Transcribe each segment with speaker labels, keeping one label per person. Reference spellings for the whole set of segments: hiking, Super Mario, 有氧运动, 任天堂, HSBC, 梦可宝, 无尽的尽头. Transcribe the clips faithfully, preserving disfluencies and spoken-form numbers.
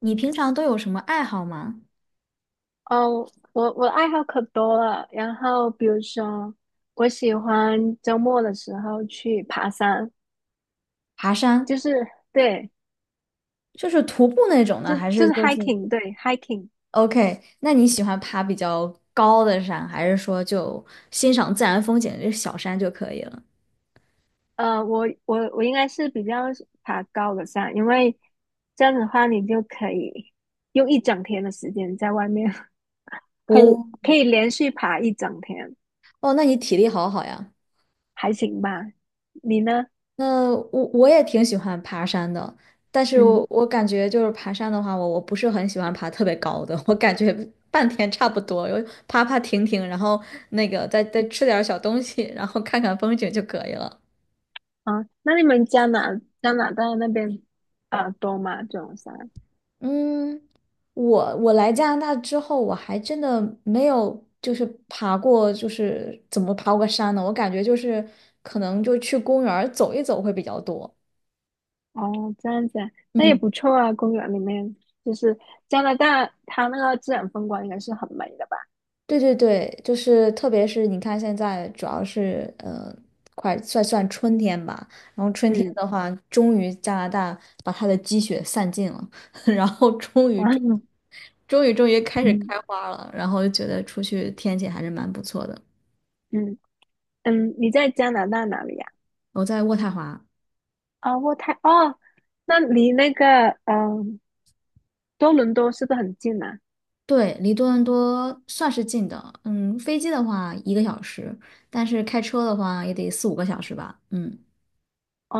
Speaker 1: 你平常都有什么爱好吗？
Speaker 2: 哦，我我的爱好可多了，然后比如说，我喜欢周末的时候去爬山，
Speaker 1: 爬山，
Speaker 2: 就是对，
Speaker 1: 就是徒步那种呢，
Speaker 2: 就
Speaker 1: 还
Speaker 2: 就
Speaker 1: 是
Speaker 2: 是
Speaker 1: 就是
Speaker 2: hiking，对 hiking。
Speaker 1: OK？那你喜欢爬比较高的山，还是说就欣赏自然风景，就小山就可以了？
Speaker 2: 呃，我我我应该是比较喜爬高的山，因为这样子的话，你就可以用一整天的时间在外面，可以
Speaker 1: 哦
Speaker 2: 可以连续爬一整天，
Speaker 1: 哦，那你体力好好呀。
Speaker 2: 还行吧？你呢？
Speaker 1: 那我我也挺喜欢爬山的，但是我
Speaker 2: 嗯，
Speaker 1: 我感觉就是爬山的话，我我不是很喜欢爬特别高的，我感觉半天差不多，有爬爬停停，然后那个再再吃点儿小东西，然后看看风景就可以了。
Speaker 2: 啊，那你们加拿加拿大那边啊多吗？这种山？
Speaker 1: 嗯，我我来加拿大之后，我还真的没有就是爬过，就是怎么爬过山呢？我感觉就是可能就去公园儿走一走会比较多。
Speaker 2: 哦，这样子啊，那也
Speaker 1: 嗯，
Speaker 2: 不错啊。公园里面就是加拿大，它那个自然风光应该是很美的吧？
Speaker 1: 对对对，就是特别是你看现在主要是呃，快算算春天吧，然后春天
Speaker 2: 嗯
Speaker 1: 的话，终于加拿大把它的积雪散尽了，然后终 于终
Speaker 2: 然
Speaker 1: 终于终于开始
Speaker 2: 嗯
Speaker 1: 开花了，然后就觉得出去天气还是蛮不错的。
Speaker 2: 嗯嗯，你在加拿大哪里呀？
Speaker 1: 我在渥太华。
Speaker 2: 哦，渥太哦，那离那个嗯、多伦多是不是很近啊？
Speaker 1: 对，离多伦多算是近的，嗯，飞机的话一个小时，但是开车的话也得四五个小时吧，嗯。
Speaker 2: 哦，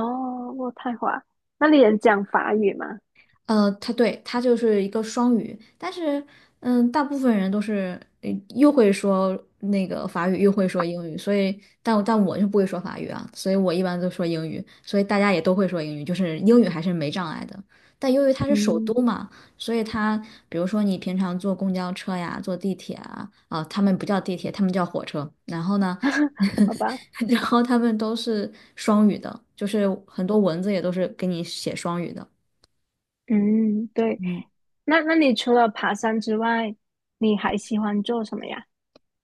Speaker 2: 渥太华，那里人讲法语吗？
Speaker 1: 呃，他对他就是一个双语，但是嗯，大部分人都是呃又会说那个法语，又会说英语，所以但但我就不会说法语啊，所以我一般都说英语，所以大家也都会说英语，就是英语还是没障碍的。但由于它是首都
Speaker 2: 嗯，
Speaker 1: 嘛，所以它比如说你平常坐公交车呀，坐地铁啊，啊，他们不叫地铁，他们叫火车。然后呢，
Speaker 2: 好吧，
Speaker 1: 然后他们都是双语的，就是很多文字也都是给你写双语的。
Speaker 2: 嗯，对。
Speaker 1: 嗯。
Speaker 2: 那那你除了爬山之外，你还喜欢做什么呀？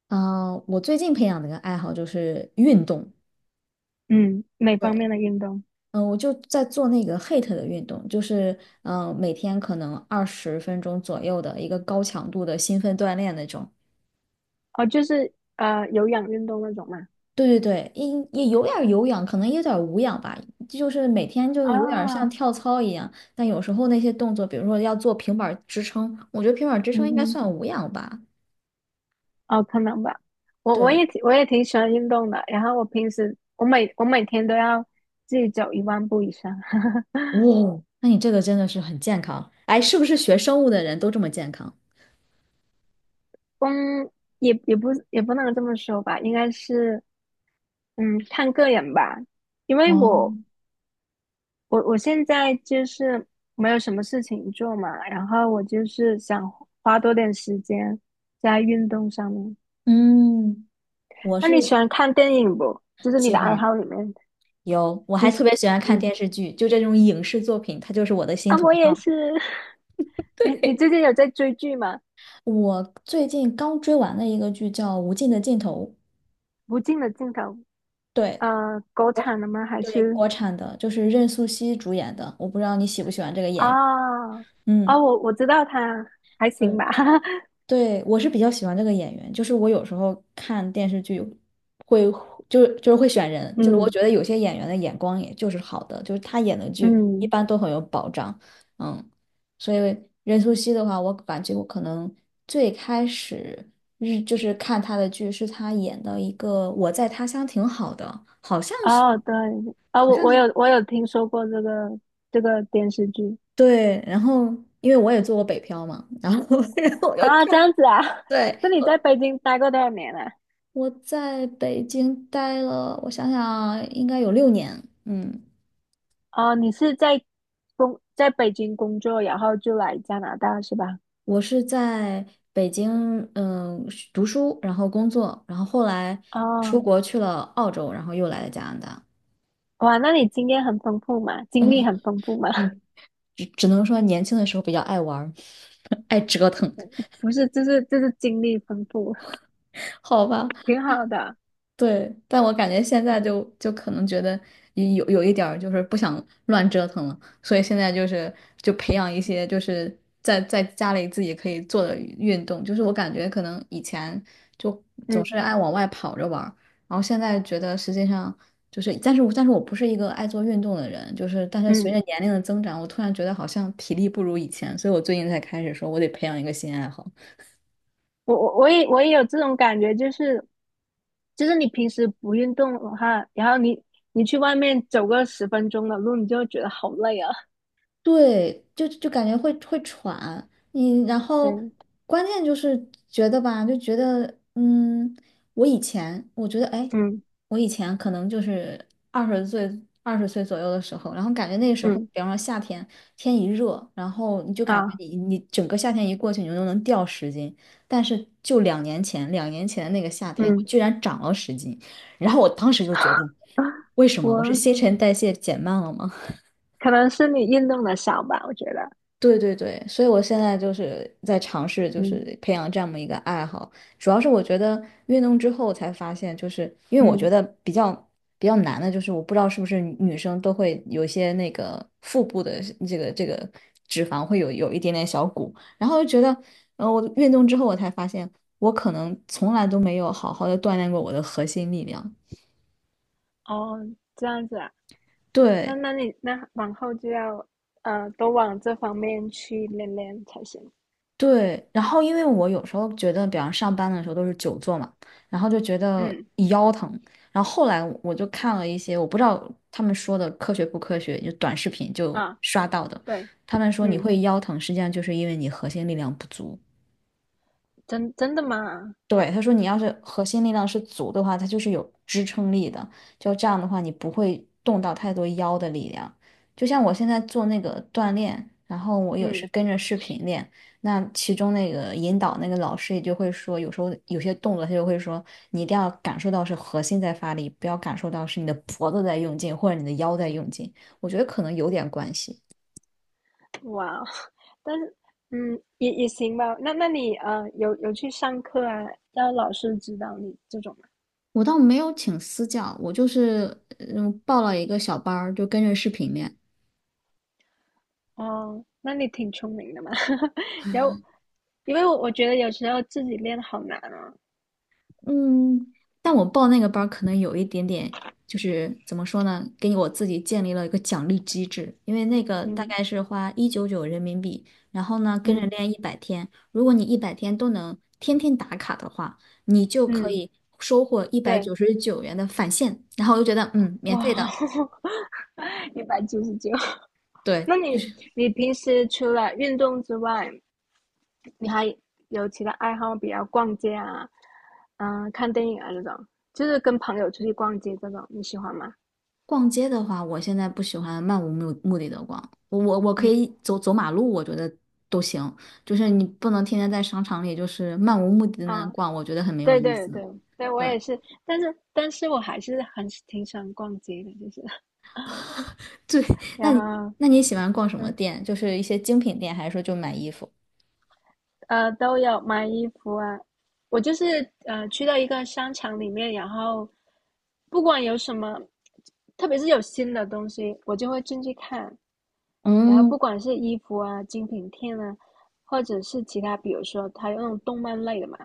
Speaker 1: 嗯，呃我最近培养的一个爱好就是运动。
Speaker 2: 嗯，哪方
Speaker 1: 对，
Speaker 2: 面的运动？
Speaker 1: 嗯，呃我就在做那个 H I I T 的运动，就是嗯，呃每天可能二十分钟左右的一个高强度的兴奋锻炼那种。
Speaker 2: 哦，就是呃有氧运动那种嘛。
Speaker 1: 对对对，也也有点儿有氧，可能也有点儿无氧吧，就是每天就
Speaker 2: 啊，
Speaker 1: 有点儿像跳操一样。但有时候那些动作，比如说要做平板儿支撑，我觉得平板儿支撑
Speaker 2: 嗯
Speaker 1: 应该
Speaker 2: 哼，
Speaker 1: 算无氧吧。
Speaker 2: 哦，可能吧。我我
Speaker 1: 对，
Speaker 2: 也挺我也挺喜欢运动的，然后我平时我每我每天都要自己走一万步以上。
Speaker 1: 哦，那你这个真的是很健康。哎，是不是学生物的人都这么健康？
Speaker 2: 嗯，也也不也不能这么说吧，应该是嗯看个人吧，因为
Speaker 1: 哦，
Speaker 2: 我我我现在就是没有什么事情做嘛，然后我就是想花多点时间在运动上面。
Speaker 1: 嗯。我
Speaker 2: 那你喜
Speaker 1: 是
Speaker 2: 欢看电影不？就是你
Speaker 1: 喜
Speaker 2: 的爱
Speaker 1: 欢，
Speaker 2: 好里面。
Speaker 1: 有，我还
Speaker 2: 你
Speaker 1: 特
Speaker 2: 是
Speaker 1: 别喜欢看
Speaker 2: 嗯
Speaker 1: 电视剧，就这种影视作品，它就是我的心
Speaker 2: 啊，
Speaker 1: 头
Speaker 2: 我也
Speaker 1: 好。
Speaker 2: 是。你你
Speaker 1: 对，
Speaker 2: 最近有在追剧吗？
Speaker 1: 我最近刚追完了一个剧叫《无尽的尽头》，
Speaker 2: 无尽的尽头，
Speaker 1: 对，
Speaker 2: 呃，国
Speaker 1: 国
Speaker 2: 产的吗？还
Speaker 1: 对
Speaker 2: 是
Speaker 1: 国产的，就是任素汐主演的，我不知道你喜不喜欢这个演员。
Speaker 2: 啊啊，
Speaker 1: 嗯，
Speaker 2: 我我知道它还行
Speaker 1: 对
Speaker 2: 吧。
Speaker 1: 对，我是比较喜欢这个演员，就是我有时候看电视剧会，就就是会选人，就是我
Speaker 2: 嗯
Speaker 1: 觉得有些演员的眼光也就是好的，就是他演的剧一
Speaker 2: 嗯，
Speaker 1: 般都很有保障，嗯，所以任素汐的话，我感觉我可能最开始日就是看她的剧是她演的一个《我在他乡挺好的》，好像是，
Speaker 2: 哦对，啊、
Speaker 1: 好
Speaker 2: 我
Speaker 1: 像
Speaker 2: 我
Speaker 1: 是
Speaker 2: 有我有听说过这个这个电视剧
Speaker 1: 对，然后因为我也做过北漂嘛，然后 然后我就
Speaker 2: 啊，这
Speaker 1: 看。
Speaker 2: 样子啊。
Speaker 1: 对，
Speaker 2: 那你在北京待过多少年啊？
Speaker 1: 我在北京待了，我想想，应该有六年。嗯，
Speaker 2: 哦，你是在工在北京工作，然后就来加拿大是吧？
Speaker 1: 我是在北京，嗯，是读书，然后工作，然后后来出
Speaker 2: 哦，
Speaker 1: 国去了澳洲，然后又来了加拿大。
Speaker 2: 哇，那你经验很丰富嘛，经
Speaker 1: 嗯
Speaker 2: 历很丰富嘛。
Speaker 1: 嗯，只只能说年轻的时候比较爱玩儿，爱折腾，
Speaker 2: 不是，就是就是精力丰富，
Speaker 1: 好吧。
Speaker 2: 挺好的啊。
Speaker 1: 对，但我感觉现在
Speaker 2: 嗯
Speaker 1: 就就可能觉得有有一点儿就是不想乱折腾了，所以现在就是就培养一些就是在在家里自己可以做的运动，就是我感觉可能以前就总
Speaker 2: 嗯
Speaker 1: 是爱往外跑着玩儿，然后现在觉得实际上就是，但是我但是我不是一个爱做运动的人，就是但是随着
Speaker 2: 嗯，
Speaker 1: 年龄的增长，我突然觉得好像体力不如以前，所以我最近才开始说我得培养一个新爱好。
Speaker 2: 我我我也我也有这种感觉，就是就是你平时不运动的话，然后你你去外面走个十分钟的路，你就会觉得好累啊。
Speaker 1: 对，就就感觉会会喘，你然后
Speaker 2: 嗯
Speaker 1: 关键就是觉得吧，就觉得嗯，我以前我觉得哎，
Speaker 2: 嗯
Speaker 1: 我以前可能就是二十岁二十岁左右的时候，然后感觉那个时候，
Speaker 2: 嗯
Speaker 1: 比方说夏天天一热，然后你就感觉
Speaker 2: 啊
Speaker 1: 你你整个夏天一过去，你就能掉十斤，但是就两年前两年前的那个夏天，我
Speaker 2: 嗯，
Speaker 1: 居然长了十斤，然后我当时就觉得，为 什么
Speaker 2: 我
Speaker 1: 我是新陈代谢减慢了吗？
Speaker 2: 可能是你运动的少吧，我觉得。
Speaker 1: 对对对，所以我现在就是在尝试，就
Speaker 2: 嗯
Speaker 1: 是培养这么一个爱好。主要是我觉得运动之后才发现，就是因为我觉
Speaker 2: 嗯，
Speaker 1: 得比较比较难的，就是我不知道是不是女女生都会有一些那个腹部的这个这个脂肪会有有一点点小鼓，然后就觉得，呃，我运动之后我才发现，我可能从来都没有好好的锻炼过我的核心力量。
Speaker 2: 哦，这样子啊，那
Speaker 1: 对，
Speaker 2: 那你那往后就要呃多往这方面去练练才行。
Speaker 1: 对，然后因为我有时候觉得，比方上班的时候都是久坐嘛，然后就觉得
Speaker 2: 嗯
Speaker 1: 腰疼。然后后来我就看了一些，我不知道他们说的科学不科学，就短视频就
Speaker 2: 啊。
Speaker 1: 刷到的，
Speaker 2: 对，
Speaker 1: 他们说你
Speaker 2: 嗯，
Speaker 1: 会腰疼，实际上就是因为你核心力量不足。
Speaker 2: 真真的吗？
Speaker 1: 对，他说你要是核心力量是足的话，它就是有支撑力的。就这样的话，你不会动到太多腰的力量。就像我现在做那个锻炼，然后我也是
Speaker 2: 嗯，
Speaker 1: 跟着视频练，那其中那个引导那个老师也就会说，有时候有些动作他就会说，你一定要感受到是核心在发力，不要感受到是你的脖子在用劲或者你的腰在用劲。我觉得可能有点关系。
Speaker 2: 哇哦但是，嗯，也也行吧。那那你呃，有有去上课啊？让老师指导你这种吗？
Speaker 1: 我倒没有请私教，我就是嗯报了一个小班儿，就跟着视频练。
Speaker 2: 哦，那你挺聪明的嘛。然后，因为我我觉得有时候自己练好难啊。
Speaker 1: 嗯，但我报那个班儿可能有一点点，就是怎么说呢，给我自己建立了一个奖励机制，因为那个大
Speaker 2: 嗯
Speaker 1: 概是花一九九人民币，然后呢跟着
Speaker 2: 嗯
Speaker 1: 练一百天，如果你一百天都能天天打卡的话，你就可
Speaker 2: 嗯，
Speaker 1: 以收获一百
Speaker 2: 对，
Speaker 1: 九十九元的返现，然后我就觉得嗯，免费
Speaker 2: 哇哦
Speaker 1: 的，
Speaker 2: 一百九十九。
Speaker 1: 对。
Speaker 2: 那你你平时除了运动之外，你还有其他爱好比如逛街啊，嗯、看电影啊这种，就是跟朋友出去逛街这种，你喜欢吗？
Speaker 1: 逛街的话，我现在不喜欢漫无目目的的逛，我我我可
Speaker 2: 嗯
Speaker 1: 以走走马路，我觉得都行，就是你不能天天在商场里就是漫无目的的那
Speaker 2: 啊，
Speaker 1: 逛，我觉得很没有
Speaker 2: 对
Speaker 1: 意
Speaker 2: 对
Speaker 1: 思。
Speaker 2: 对对，我
Speaker 1: 对
Speaker 2: 也是，但是但是我还是很挺喜欢逛街的，就是
Speaker 1: 对，那
Speaker 2: 然
Speaker 1: 你
Speaker 2: 后
Speaker 1: 那你喜欢逛什么
Speaker 2: 嗯
Speaker 1: 店？就是一些精品店，还是说就买衣服？
Speaker 2: 呃都有买衣服啊，我就是呃去到一个商场里面，然后不管有什么，特别是有新的东西，我就会进去看，然后不
Speaker 1: 嗯，
Speaker 2: 管是衣服啊、精品店啊，或者是其他，比如说它有那种动漫类的嘛，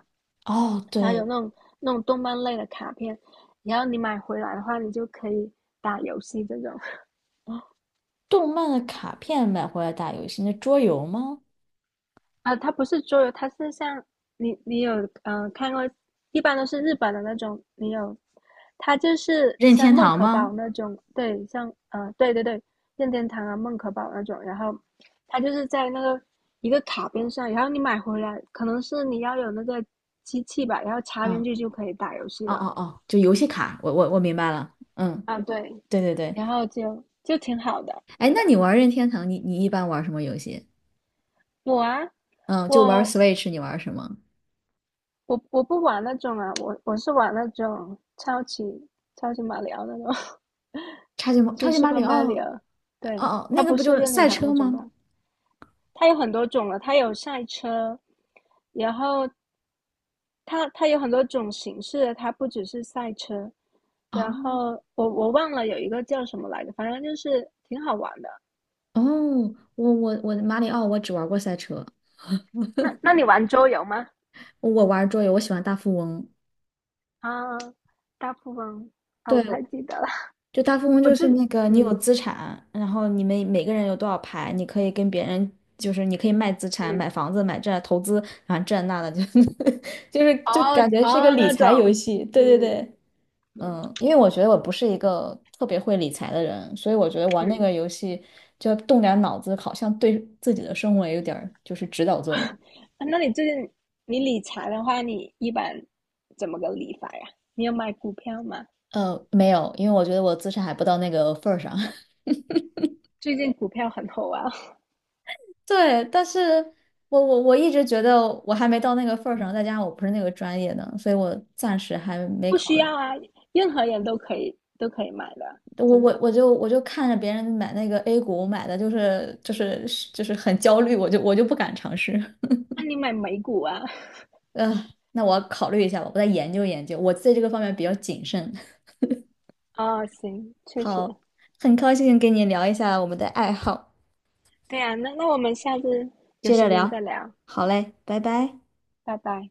Speaker 1: 哦，
Speaker 2: 它有
Speaker 1: 对，
Speaker 2: 那种那种动漫类的卡片，然后你买回来的话，你就可以打游戏这种。
Speaker 1: 动漫的卡片买回来打游戏，那桌游吗？
Speaker 2: 啊，它不是桌游，它是像你你有呃看过，一般都是日本的那种，你有，它就是
Speaker 1: 任
Speaker 2: 像
Speaker 1: 天
Speaker 2: 梦
Speaker 1: 堂
Speaker 2: 可宝
Speaker 1: 吗？
Speaker 2: 那种，对，像呃对对对，任天堂啊梦可宝那种，然后它就是在那个一个卡边上，然后你买回来，可能是你要有那个机器吧，然后插进
Speaker 1: 嗯，
Speaker 2: 去就可以打游戏
Speaker 1: 哦哦
Speaker 2: 了
Speaker 1: 哦，就游戏卡，我我我明白了。嗯，
Speaker 2: 啊，对，
Speaker 1: 对对对。
Speaker 2: 然后就就挺好的，
Speaker 1: 哎，
Speaker 2: 觉
Speaker 1: 那
Speaker 2: 得
Speaker 1: 你玩任天堂，你你一般玩什么游戏？
Speaker 2: 我啊
Speaker 1: 嗯，就玩
Speaker 2: 我
Speaker 1: Switch，你玩什么？
Speaker 2: 我我不玩那种啊，我我是玩那种超级超级马里奥那种，
Speaker 1: 超级马
Speaker 2: 就
Speaker 1: 超
Speaker 2: 是
Speaker 1: 级马
Speaker 2: Super
Speaker 1: 里奥，哦
Speaker 2: Mario。对，
Speaker 1: 哦，
Speaker 2: 它
Speaker 1: 那个
Speaker 2: 不
Speaker 1: 不就
Speaker 2: 是
Speaker 1: 是
Speaker 2: 任天
Speaker 1: 赛
Speaker 2: 堂那
Speaker 1: 车
Speaker 2: 种
Speaker 1: 吗？
Speaker 2: 吧？它有很多种了，它有赛车，然后它它有很多种形式的它不只是赛车。
Speaker 1: 哦
Speaker 2: 然后我我忘了有一个叫什么来着，反正就是挺好玩的。
Speaker 1: 哦，我我我马里奥我只玩过赛车，
Speaker 2: 那那你玩桌游吗？
Speaker 1: 我玩桌游，我喜欢大富翁。
Speaker 2: 啊，大富翁啊，我
Speaker 1: 对，
Speaker 2: 不太记得了。
Speaker 1: 就大富翁
Speaker 2: 我
Speaker 1: 就
Speaker 2: 记，
Speaker 1: 是那个你有
Speaker 2: 嗯
Speaker 1: 资产，然后你们每个人有多少牌，你可以跟别人就是你可以卖资产、买
Speaker 2: 嗯，
Speaker 1: 房子、买这投资，然后这那的，就 就是就
Speaker 2: 哦
Speaker 1: 感觉是个
Speaker 2: 哦，
Speaker 1: 理
Speaker 2: 那
Speaker 1: 财游
Speaker 2: 种，
Speaker 1: 戏。对对
Speaker 2: 嗯
Speaker 1: 对。嗯，因为我觉得我不是一个特别会理财的人，所以我觉得玩那
Speaker 2: 嗯。
Speaker 1: 个游戏就要动点脑子，好像对自己的生活也有点儿就是指导作用。
Speaker 2: 啊那你最近你理财的话，你一般怎么个理法呀？你有买股票吗？
Speaker 1: 呃，没有，因为我觉得我资产还不到那个份儿上。
Speaker 2: 最近股票很火啊，
Speaker 1: 对，但是我我我一直觉得我还没到那个份 儿上，
Speaker 2: 嗯，
Speaker 1: 再加上我不是那个专业的，所以我暂时还没
Speaker 2: 不
Speaker 1: 考
Speaker 2: 需
Speaker 1: 虑。
Speaker 2: 要啊，任何人都可以都可以买的，
Speaker 1: 我
Speaker 2: 真
Speaker 1: 我
Speaker 2: 的。
Speaker 1: 我就我就看着别人买那个 A 股买的，就是就是就是很焦虑，我就我就不敢尝试。
Speaker 2: 那你买美股啊？
Speaker 1: 嗯，那我要考虑一下吧，我再研究研究。我在这个方面比较谨慎。
Speaker 2: 哦，行，确实，
Speaker 1: 好，很高兴跟你聊一下我们的爱好，
Speaker 2: 对啊，那那我们下次有
Speaker 1: 接着
Speaker 2: 时间
Speaker 1: 聊。
Speaker 2: 再聊，
Speaker 1: 好嘞，拜拜。
Speaker 2: 拜拜。